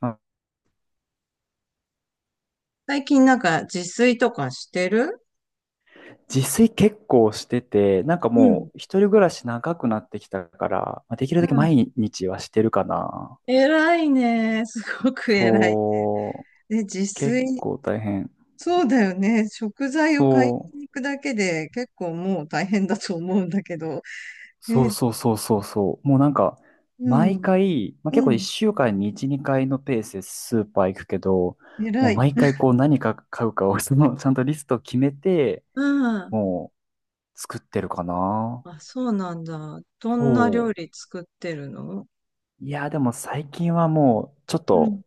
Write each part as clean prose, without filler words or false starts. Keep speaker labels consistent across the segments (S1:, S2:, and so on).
S1: まあ
S2: 最近なんか自炊とかしてる？
S1: 自炊結構してて、なんか
S2: う
S1: も
S2: ん。
S1: う一人暮らし長くなってきたから、まあ、できるだけ
S2: うん。
S1: 毎日はしてるかな。
S2: 偉いね。すごく偉いね。
S1: そう、
S2: で、自
S1: 結
S2: 炊、
S1: 構大変。
S2: そうだよね。食材を買
S1: そ
S2: いに
S1: う、
S2: 行くだけで結構もう大変だと思うんだけど。え
S1: そう
S2: ー
S1: そうそうそうそう。もうなんか、
S2: う
S1: 毎
S2: ん、
S1: 回、まあ、結
S2: う
S1: 構一
S2: ん、
S1: 週間に一、二回のペースでスーパー行くけど、もう
S2: 偉い。
S1: 毎回こう何か買うかをその、ちゃんとリストを決めて、
S2: うん。
S1: もう作ってるかな。
S2: あ、そうなんだ。どんな料
S1: そう。
S2: 理作ってるの？
S1: いや、でも最近はもうちょっ
S2: うん、
S1: と、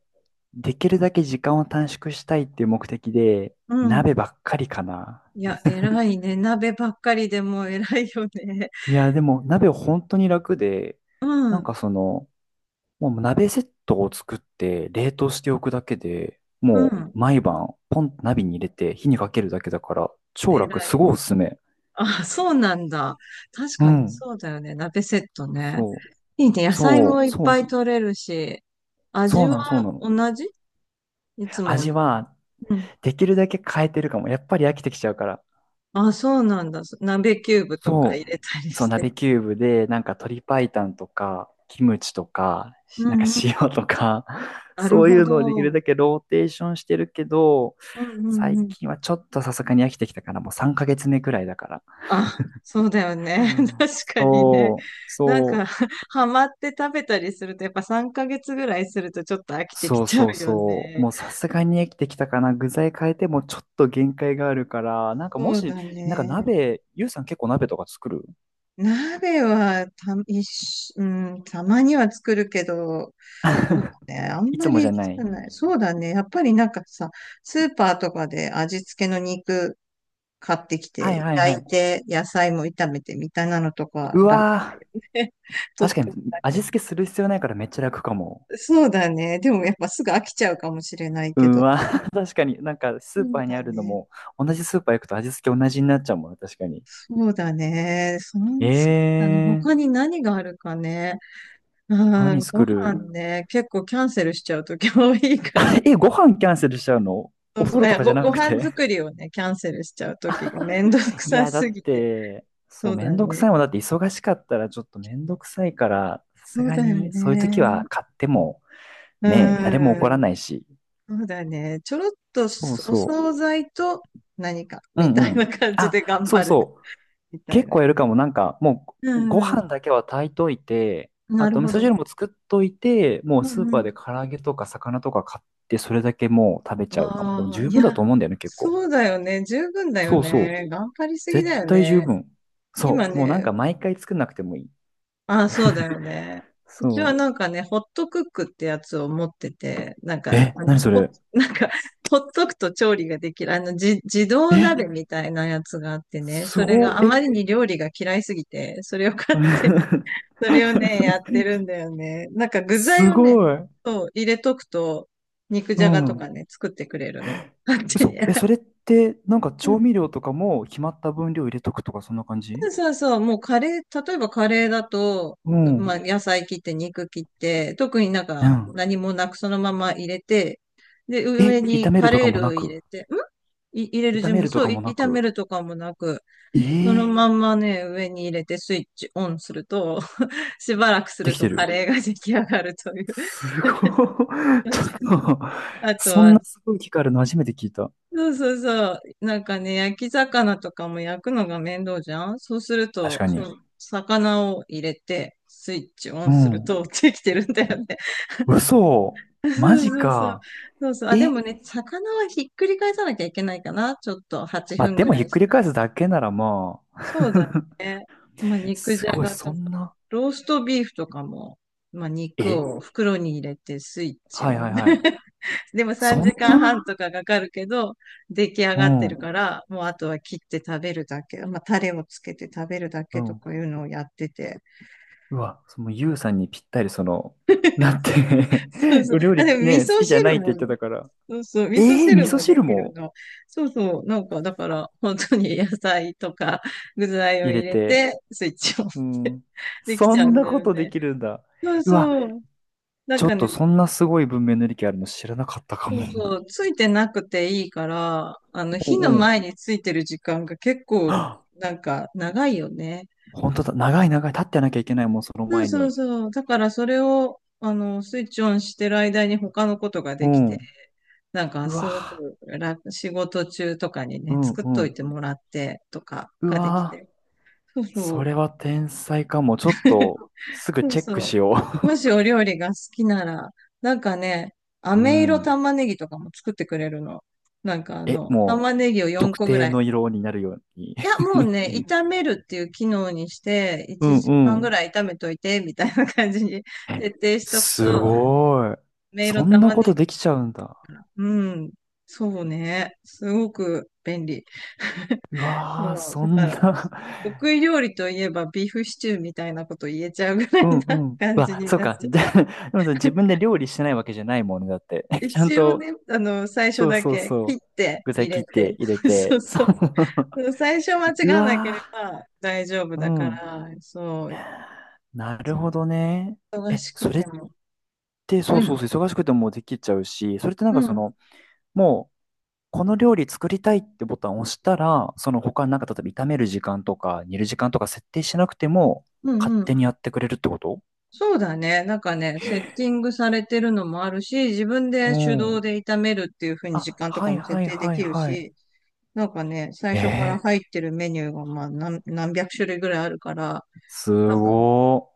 S1: できるだけ時間を短縮したいっていう目的で、
S2: うん。
S1: 鍋ばっかりかな。
S2: いや、偉いね。鍋ばっかりでも偉いよね。
S1: いや、でも鍋本当に楽で、
S2: う
S1: なん
S2: ん、
S1: かその、もう鍋セットを作って冷凍しておくだけで、
S2: う
S1: も
S2: ん。
S1: う毎晩ポンと鍋に入れて火にかけるだけだから、超
S2: 偉
S1: 楽、す
S2: い。
S1: ごいおすすめ。
S2: あ、そうなんだ。確
S1: う
S2: かに
S1: ん。
S2: そうだよね。鍋セットね。
S1: そ
S2: いいね。
S1: う、
S2: 野菜も
S1: そう、
S2: いっ
S1: そう、
S2: ぱ
S1: そ
S2: い
S1: う
S2: 取れるし、
S1: そ
S2: 味
S1: う
S2: は
S1: なの、そうなの。
S2: 同じ？いつも？う
S1: 味は、
S2: ん。
S1: できるだけ変えてるかも。やっぱり飽きてきちゃうから。
S2: あ、そうなんだ。鍋キューブとか
S1: そ
S2: 入
S1: う、
S2: れたり
S1: そう、
S2: し
S1: 鍋
S2: て。
S1: キューブで、なんか鶏白湯とか、キムチとか、
S2: う
S1: なんか
S2: んうん。
S1: 塩とか、
S2: なる
S1: そうい
S2: ほ
S1: うのをできる
S2: ど。
S1: だけローテーションしてるけど、
S2: うんうん
S1: 最
S2: うん。
S1: 近はちょっとさすがに飽きてきたから、もう3ヶ月目くらいだから。
S2: あ、そうだよね。確かにね。
S1: そう、
S2: なん
S1: そ
S2: か、
S1: う、
S2: ハマって食べたりすると、やっぱ3ヶ月ぐらいするとちょっと飽きてき
S1: そう
S2: ちゃ
S1: そう
S2: うよ
S1: そう、
S2: ね。
S1: もうさすがに飽きてきたかな。具材変えてもちょっと限界があるから、なんか
S2: そ
S1: も
S2: う
S1: し、
S2: だ
S1: なんか
S2: ね。
S1: 鍋、ゆうさん結構鍋とか作る？
S2: 鍋はた、一しうん、たまには作るけど、そ うね、あん
S1: い
S2: ま
S1: つも
S2: り
S1: じゃ
S2: 作
S1: な
S2: ら
S1: い。
S2: ない。そうだね。やっぱりなんかさ、スーパーとかで味付けの肉買ってき
S1: はい
S2: て、
S1: はい
S2: 焼
S1: は
S2: い
S1: い。
S2: て、野菜も炒めてみたいなのとか
S1: う
S2: 楽
S1: わー。
S2: で取
S1: 確
S2: っ
S1: か
S2: て。
S1: に味付けする必要ないからめっちゃ楽かも。
S2: そうだね。でもやっぱすぐ飽きちゃうかもしれない
S1: う
S2: け
S1: ん、
S2: ど。
S1: わ、確かになんかス
S2: そ
S1: ーパ
S2: う
S1: ーに
S2: だ
S1: あるの
S2: ね。
S1: も同じスーパー行くと味付け同じになっちゃうもんね、確かに。
S2: そうだね。
S1: え
S2: そうだね。
S1: ー、
S2: 他に何があるかね。う
S1: 何
S2: ん、ご
S1: 作
S2: 飯
S1: る？
S2: ね。結構キャンセルしちゃうとき多いから。
S1: え、ご飯キャンセルしちゃうの？
S2: そ
S1: お
S2: うそ
S1: 風
S2: う。
S1: 呂とかじゃな
S2: ご
S1: く
S2: 飯
S1: て？
S2: 作りをね、キャンセルしちゃうときがめんどく
S1: い
S2: さ
S1: や、だ
S2: す
S1: っ
S2: ぎて。
S1: て、そ
S2: そ
S1: う、
S2: う
S1: め
S2: だ
S1: んどくさい
S2: ね。
S1: もん。だって忙しかったらちょっとめんどくさいから、さ
S2: そ
S1: す
S2: う
S1: が
S2: だよ
S1: にそういう時
S2: ね。
S1: は買っても
S2: う
S1: ね、誰も怒ら
S2: ん。
S1: ないし。
S2: そうだね。ちょろっと
S1: そう
S2: お
S1: そ
S2: 惣菜と何か
S1: う。う
S2: み
S1: んう
S2: たい
S1: ん。
S2: な感じ
S1: あ、
S2: で頑
S1: そう
S2: 張る
S1: そう。
S2: みたい
S1: 結
S2: な。
S1: 構やるかも。なんか、も
S2: う
S1: う、ご飯
S2: ん。
S1: だけは炊いといて、あ
S2: なる
S1: と、味
S2: ほ
S1: 噌
S2: ど。
S1: 汁も作っといて、もう
S2: う
S1: スー
S2: んう
S1: パー
S2: ん。
S1: で唐揚げとか魚とか買って、それだけもう食べちゃうかも。でも
S2: わあ、
S1: 十
S2: い
S1: 分だ
S2: や、
S1: と思うんだよね、結構。
S2: そうだよね。十分だよ
S1: そうそう。
S2: ね。頑張りすぎ
S1: 絶
S2: だよ
S1: 対十
S2: ね。
S1: 分。
S2: 今
S1: そう。もうなん
S2: ね、
S1: か毎回作んなくてもいい。
S2: あ、そうだ よね。うちは
S1: そ
S2: なんかね、ホットクックってやつを持ってて、なん
S1: う。
S2: か、
S1: え、何それ？
S2: なんか、ほっとくと調理ができる、自動
S1: え、
S2: 鍋みたいなやつがあってね、
S1: す
S2: それ
S1: ご、
S2: があま
S1: え？
S2: りに料理が嫌いすぎて、それを買って、それをね、やってるんだよね。なんか具材
S1: す
S2: をね、
S1: ごい。
S2: そう、入れとくと、肉
S1: う
S2: じゃがと
S1: ん。
S2: かね、作ってくれるの。勝手
S1: 嘘。
S2: に。
S1: え、それって、なんか調味料とかも決まった分量入れとくとか、そんな感じ？
S2: そうそう、もうカレー、例えばカレーだと、
S1: う
S2: ま
S1: ん。
S2: あ野菜切って肉切って、特になん
S1: う
S2: か
S1: ん。
S2: 何もなくそのまま入れて、で、
S1: え、
S2: 上
S1: 炒
S2: に
S1: める
S2: カ
S1: と
S2: レ
S1: か
S2: ー
S1: も
S2: ル
S1: な
S2: ー入
S1: く？
S2: れて、入れる
S1: 炒
S2: 準
S1: め
S2: 備、
S1: ると
S2: そ
S1: か
S2: う、
S1: もな
S2: 炒め
S1: く？
S2: るとかもなく、その
S1: え
S2: ま
S1: え、
S2: んまね、上に入れてスイッチオンすると、しばらくす
S1: で
S2: る
S1: き
S2: と
S1: て
S2: カ
S1: る。
S2: レーが出来上がるという。
S1: すごい。ちょ っと、
S2: あと
S1: そん
S2: は
S1: なすごい機械あるの初めて聞いた。
S2: そうそうそう。なんかね、焼き魚とかも焼くのが面倒じゃん。そうする
S1: 確
S2: と、
S1: か
S2: そ
S1: に。
S2: の魚を入れて、スイッチオ
S1: う
S2: ンする
S1: ん。
S2: とできてるんだよね。
S1: 嘘。
S2: そう
S1: マジ
S2: そうそう。
S1: か。
S2: そうそう。あ、で
S1: え、
S2: もね、魚はひっくり返さなきゃいけないかな。ちょっと8
S1: まあ、
S2: 分
S1: で
S2: ぐ
S1: も
S2: ら
S1: ひ
S2: い
S1: っく
S2: し
S1: り
S2: たら。
S1: 返すだけならまあ。
S2: そうだ ね。まあ、肉
S1: す
S2: じゃ
S1: ごい、
S2: が
S1: そ
S2: とか、
S1: んな。
S2: ローストビーフとかも、まあ、肉
S1: え、
S2: を袋に入れてスイッチ
S1: はい
S2: オ
S1: は
S2: ン。
S1: いはい。
S2: でも3
S1: そん
S2: 時間
S1: な？
S2: 半とかかかるけど、出来上
S1: う
S2: がってる
S1: ん。
S2: から、もうあとは切って食べるだけ、まあ、タレをつけて食べるだ
S1: う
S2: けと
S1: ん。
S2: かいうのをやってて。
S1: うわ、そのユウさんにぴったりその、だって、
S2: そう そう。
S1: お料
S2: あ、で
S1: 理
S2: も味
S1: ね、好
S2: 噌
S1: きじゃな
S2: 汁
S1: いって
S2: も
S1: 言って
S2: ね。
S1: たから。
S2: そうそう。味噌
S1: えー、味
S2: 汁
S1: 噌
S2: もで
S1: 汁
S2: きる
S1: も？
S2: の。そうそう。なんか、だから、本当に野菜とか具材を
S1: 入
S2: 入
S1: れ
S2: れ
S1: て。
S2: て、スイッチを押
S1: う
S2: して
S1: ん。
S2: でき
S1: そ
S2: ちゃ
S1: ん
S2: うん
S1: な
S2: だ
S1: こ
S2: よ
S1: とで
S2: ね。
S1: きるんだ。
S2: そう
S1: うわ、
S2: そう。なん
S1: ちょっ
S2: か
S1: と
S2: ね、
S1: そんなすごい文明の利器あるの知らなかったか
S2: そ
S1: も。
S2: うそう、ついてなくていいから、
S1: う
S2: 火の
S1: んうん。
S2: 前についてる時間が結 構、
S1: はっ、
S2: なんか、長いよね。
S1: 本当だ。長い長い。立ってなきゃいけないもん、その
S2: そう
S1: 前
S2: そう
S1: に。
S2: そう。だから、それを、スイッチオンしてる間に他のことが
S1: う
S2: できて、
S1: ん。
S2: なん
S1: う
S2: か、すご
S1: わ、
S2: く楽、仕事中とかに
S1: う
S2: ね、
S1: ん
S2: 作っ
S1: う
S2: とい
S1: ん。
S2: てもらってとか
S1: う
S2: ができ
S1: わ、
S2: て。そうそ
S1: そ
S2: う。
S1: れは天才かも。ちょっと、すぐ
S2: そう
S1: チェック
S2: そう。
S1: しよ
S2: もしお料理が好きなら、なんかね、
S1: う。う
S2: 飴色
S1: ん。
S2: 玉ねぎとかも作ってくれるの。なんか
S1: え、もう、
S2: 玉ねぎを4
S1: 特
S2: 個ぐら
S1: 定
S2: い。
S1: の色になるように。
S2: いや、もうね、炒めるっていう機能にして、
S1: う
S2: 1
S1: んう
S2: 時間ぐ
S1: ん。
S2: らい炒めといて、みたいな感じに
S1: え、
S2: 設定しとくと、
S1: すごい。
S2: メイロ
S1: そん
S2: 玉
S1: な
S2: ね
S1: ことで
S2: ぎ
S1: きちゃうんだ。
S2: から。うん。そうね。すごく便利。
S1: う
S2: そ
S1: わー、
S2: う、
S1: そ
S2: だ
S1: ん
S2: から、
S1: な。
S2: 得意料理といえばビーフシチューみたいなこと言えちゃうぐら
S1: う
S2: い
S1: んう
S2: な
S1: ん。う
S2: 感じ
S1: わ、
S2: に
S1: そう
S2: なっ
S1: か。
S2: ちゃ
S1: で、
S2: う。
S1: でもさ、自分で料理してないわけじゃないもんね、だって。ちゃん
S2: 一応
S1: と、
S2: ね、最初
S1: そう
S2: だ
S1: そう
S2: け切っ
S1: そう。
S2: て
S1: 具材
S2: 入
S1: 切
S2: れ
S1: って
S2: て、
S1: 入れ
S2: そ
S1: て、
S2: う
S1: そ
S2: そう。
S1: う。
S2: 最初間 違
S1: う
S2: わなけ
S1: わ
S2: れば大丈夫
S1: ー、う
S2: だか
S1: ん。
S2: ら、そう。
S1: なるほどね。
S2: 忙
S1: え、
S2: しく
S1: それ
S2: て
S1: っ
S2: も。
S1: て、そ
S2: う
S1: う
S2: ん。
S1: そうそう、忙しくてもできちゃうし、それってなん
S2: う
S1: かそ
S2: ん。
S1: の、もう、この料理作りたいってボタンを押したら、その他なんか例えば炒める時間とか煮る時間とか設定しなくても
S2: うん
S1: 勝
S2: う
S1: 手
S2: ん。
S1: にやってくれるってこと？
S2: そうだね。なんかね、セッティングされてるのもあるし、自分
S1: う
S2: で手動
S1: ん。
S2: で炒めるっていう風に時
S1: あ、
S2: 間と
S1: は
S2: か
S1: い
S2: も設
S1: はい
S2: 定で
S1: はい
S2: きる
S1: はい。
S2: し、なんかね、最
S1: え
S2: 初から
S1: え、
S2: 入ってるメニューがまあ何百種類ぐらいあるから、
S1: す
S2: 多分な
S1: ごー。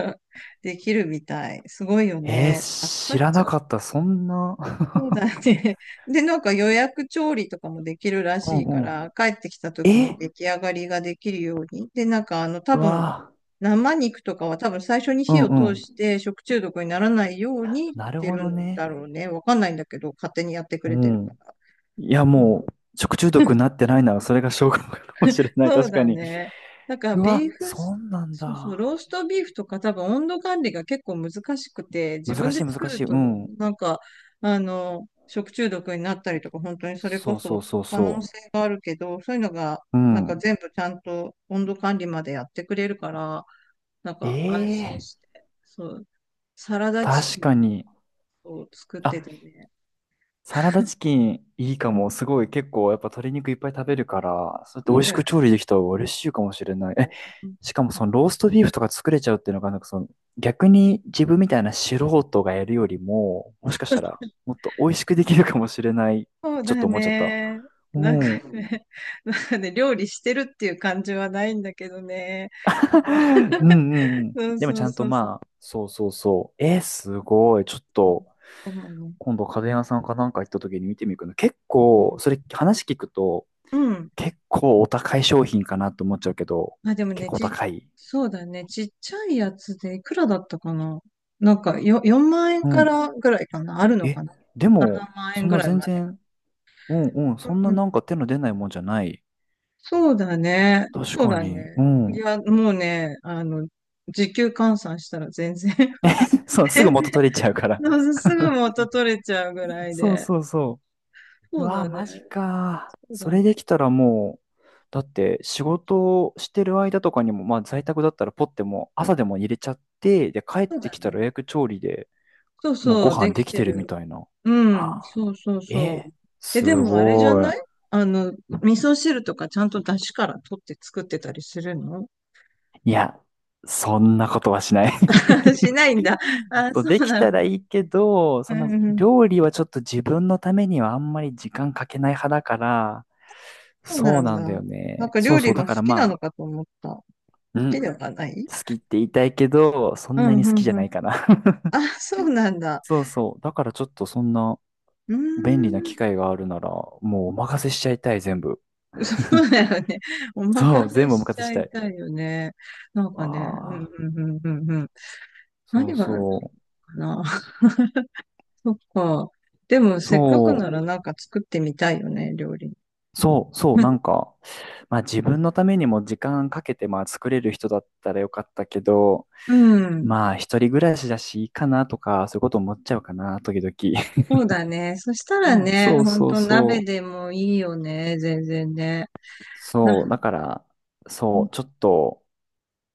S2: んかできるみたい。すごいよ
S1: え
S2: ね。
S1: ー、知
S2: っ
S1: ら
S2: ちゃ
S1: な
S2: う
S1: かった。そんな。
S2: そうだ ね。で、なんか予約調理とかもできるら
S1: うん
S2: しいか
S1: うん。
S2: ら、帰ってきた時に
S1: え、
S2: 出来上がりができるように。で、なんか多
S1: う
S2: 分、
S1: わ
S2: 生肉とかは多分最初に
S1: ー。う
S2: 火
S1: ん
S2: を
S1: う
S2: 通
S1: ん。
S2: して食中毒にならないように
S1: な
S2: し
S1: る
S2: て
S1: ほ
S2: る
S1: ど
S2: ん
S1: ね。
S2: だろうね。わかんないんだけど、勝手にやってく
S1: う
S2: れてるか
S1: ん。
S2: ら。
S1: いやもう、食中毒になってないならそれが証拠かもしれない。
S2: そう
S1: 確か
S2: だ
S1: に。
S2: ね。なんか
S1: う
S2: ビ
S1: わ、
S2: ーフ
S1: そ
S2: ス、
S1: うなん
S2: そうそう、
S1: だ。
S2: ローストビーフとか多分温度管理が結構難しくて、自
S1: 難
S2: 分で
S1: しい
S2: 作
S1: 難し
S2: る
S1: い。
S2: と、
S1: うん。
S2: なんか、食中毒になったりとか、本当にそれ
S1: そ
S2: こ
S1: うそう
S2: そ
S1: そう
S2: 可能
S1: そ
S2: 性があるけど、そういうのが、
S1: う。う
S2: なんか
S1: ん。
S2: 全部ちゃんと温度管理までやってくれるから、なんか安心
S1: ええ、
S2: して、そう、サラダチ
S1: 確
S2: キン
S1: かに。
S2: を作って
S1: あ、
S2: たね。
S1: サラダチキンいいか
S2: うん、
S1: も。すごい結構やっぱ鶏肉いっぱい食べるから、それって
S2: そ
S1: 美
S2: う
S1: 味
S2: だ
S1: しく
S2: よ。
S1: 調理できた方が嬉しいかもしれない。え、しかもそのローストビーフとか作れちゃうっていうのが、なんかその逆に自分みたいな素人がやるよりも、もしかしたらもっと美味しくできるかもしれない。
S2: そう
S1: ちょっ
S2: だ
S1: と思っちゃった。
S2: ね。
S1: う
S2: なんか
S1: ん。
S2: ね、なんかね、料理してるっていう感じはないんだけどね。なんか
S1: うんうんうん。
S2: そう
S1: でも
S2: そ
S1: ち
S2: う
S1: ゃんと
S2: そうそう。
S1: まあ、そうそうそう。えー、すごい。ちょっと
S2: でもね、
S1: 今度家電屋さんかなんか行った時に見てみるけど、結構、
S2: そ
S1: それ話聞くと、
S2: う。うん。
S1: 結構お高い商品かなと思っちゃうけど、
S2: あ、でも
S1: 結
S2: ね、
S1: 構高い？
S2: そうだね。ちっちゃいやつでいくらだったかな。なんかよ、4万円
S1: う
S2: か
S1: ん。
S2: らぐらいかなあるの
S1: え、
S2: かな
S1: でも、
S2: ?7 万
S1: そ
S2: 円
S1: ん
S2: ぐ
S1: な
S2: らい
S1: 全
S2: まで。
S1: 然、うんうん、そん
S2: う
S1: な
S2: ん。
S1: なんか手の出ないもんじゃない。
S2: そうだね。
S1: 確
S2: そう
S1: か
S2: だ
S1: に。
S2: ね。
S1: う
S2: い
S1: ん。
S2: や、もうね、時給換算したら全然
S1: そう、すぐ
S2: 全
S1: 元
S2: 然、
S1: 取れちゃうから。
S2: そう、 すぐ 元取れちゃうぐらい
S1: そう
S2: で。
S1: そうそう。
S2: そ
S1: う
S2: う
S1: わ
S2: だ
S1: ー、マ
S2: ね。
S1: ジかー。
S2: そう
S1: そ
S2: だ
S1: れ
S2: ね。
S1: できたらもう、だって仕事をしてる間とかにも、まあ在宅だったらポッてもう朝でも入れちゃって、で帰っ
S2: そう
S1: て
S2: だ
S1: きたら
S2: ね。
S1: 予約調理で
S2: そう
S1: もうご
S2: そう、
S1: 飯
S2: で
S1: で
S2: き
S1: き
S2: て
S1: てるみ
S2: る。
S1: たいな。
S2: うん、そうそうそう。
S1: え、
S2: え、
S1: す
S2: でもあれじゃ
S1: ご
S2: な
S1: い。
S2: い？あの、味噌汁とかちゃんと出汁から取って作ってたりするの？
S1: いや、そんなことはしない。
S2: しないんだ。あ、
S1: そう
S2: そ
S1: で
S2: う
S1: き
S2: な
S1: た
S2: ん
S1: ら
S2: だ。
S1: いいけど、
S2: う
S1: そん
S2: ん
S1: な
S2: うん、
S1: 料理はちょっと自分のためにはあんまり時間かけない派だから、
S2: そう
S1: そ
S2: な
S1: う
S2: ん
S1: な
S2: だ。
S1: んだよ
S2: なん
S1: ね。
S2: か
S1: そう
S2: 料
S1: そ
S2: 理
S1: う、だ
S2: が好
S1: から
S2: きな
S1: ま
S2: の
S1: あ、
S2: かと思った。好
S1: う
S2: き
S1: ん、
S2: で
S1: 好
S2: はない？
S1: きって言いたいけど、そ
S2: う
S1: んな
S2: ん、
S1: に好き
S2: うん、
S1: じゃ
S2: う
S1: な
S2: ん。
S1: いかな。
S2: あ、そうなんだ。
S1: そうそう、だからちょっとそんな
S2: うー
S1: 便利な機
S2: ん。
S1: 会があるなら、もうお任せしちゃいたい、全部。
S2: そう だよね。お
S1: そ
S2: 任
S1: う、全
S2: せ
S1: 部お
S2: しち
S1: 任せし
S2: ゃ
S1: た
S2: い
S1: い。
S2: たいよね。なん
S1: わ
S2: かね、うん
S1: あ。
S2: うんうんうんうん。
S1: そう
S2: 何がある
S1: そ
S2: かな。そっか。でも、
S1: う。
S2: せっかくな
S1: そ
S2: らなんか作ってみたいよね、料理。
S1: う、そう、そう、なん か、まあ自分のためにも時間かけて、まあ作れる人だったらよかったけど、
S2: うん。
S1: まあ一人暮らしだしいいかなとか、そういうこと思っちゃうかな、時々。
S2: そうだね。そしたらね、
S1: そう
S2: ほん
S1: そう
S2: と鍋
S1: そ
S2: で
S1: う。
S2: もいいよね、全然ね。
S1: そう、
S2: な、
S1: だから、そう、ちょっと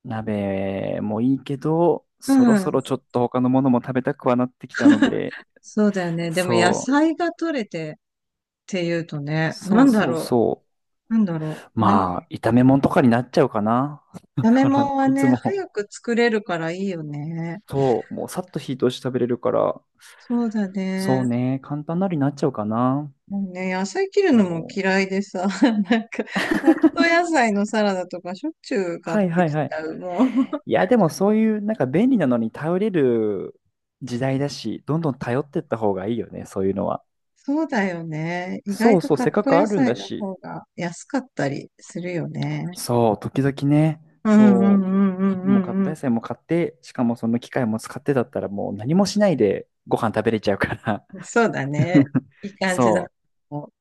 S1: 鍋もいいけど、
S2: う
S1: そろそ
S2: ん。
S1: ろちょっと他のものも食べたくはなってきたので、
S2: そうだよね。でも野
S1: そ
S2: 菜が取れてっていうと
S1: う、
S2: ね、
S1: そ
S2: な
S1: う
S2: んだ
S1: そう
S2: ろ
S1: そ
S2: う。なんだ
S1: う。
S2: ろう。何。
S1: まあ、炒め物とかになっちゃうかな。だ
S2: 炒め
S1: から、
S2: 物は
S1: いつ
S2: ね、
S1: も。
S2: 早く作れるからいいよね。
S1: そう、もうさっと火通して食べれるから、
S2: そうだ
S1: そう
S2: ね。
S1: ね、簡単なりになっちゃうかな。
S2: もうね、野菜切る
S1: そ
S2: のも
S1: う。
S2: 嫌いでさ、なんか、カット野菜のサラダとかしょっちゅう買っ
S1: はい
S2: て
S1: はい
S2: きち
S1: はい。
S2: ゃう、もう。
S1: い や、でもそういう、なんか便利なのに頼れる時代だし、どんどん頼ってった方がいいよね、そういうのは。
S2: そうだよね。意外
S1: そう
S2: と
S1: そう、
S2: カッ
S1: せっか
S2: ト
S1: くあ
S2: 野
S1: るん
S2: 菜
S1: だ
S2: の
S1: し。
S2: 方が安かったりするよね。
S1: そう、時々ね、
S2: うんうん
S1: そ
S2: うんう
S1: う、もう買っ
S2: んう
S1: た
S2: ん
S1: 野菜も買って、しかもその機械も使ってだったらもう何もしないでご飯食べれちゃうから。
S2: うん。そうだね。いい感じだ。
S1: そ
S2: もう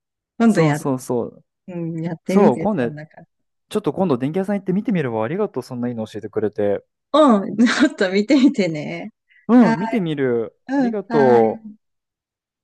S1: う、
S2: 今度
S1: そう
S2: や、
S1: そうそう。
S2: うん、やってみ
S1: そう、
S2: て、
S1: 今
S2: そ
S1: 度
S2: ん
S1: ち
S2: な感じ。
S1: ょっと今度電気屋さん行って見てみるわ。ありがとう。そんないいの教えてくれて。
S2: うん、ちょっと見てみてね。
S1: う
S2: はい、
S1: ん、見てみる。あ
S2: う
S1: り
S2: ん、
S1: が
S2: はい。
S1: とう。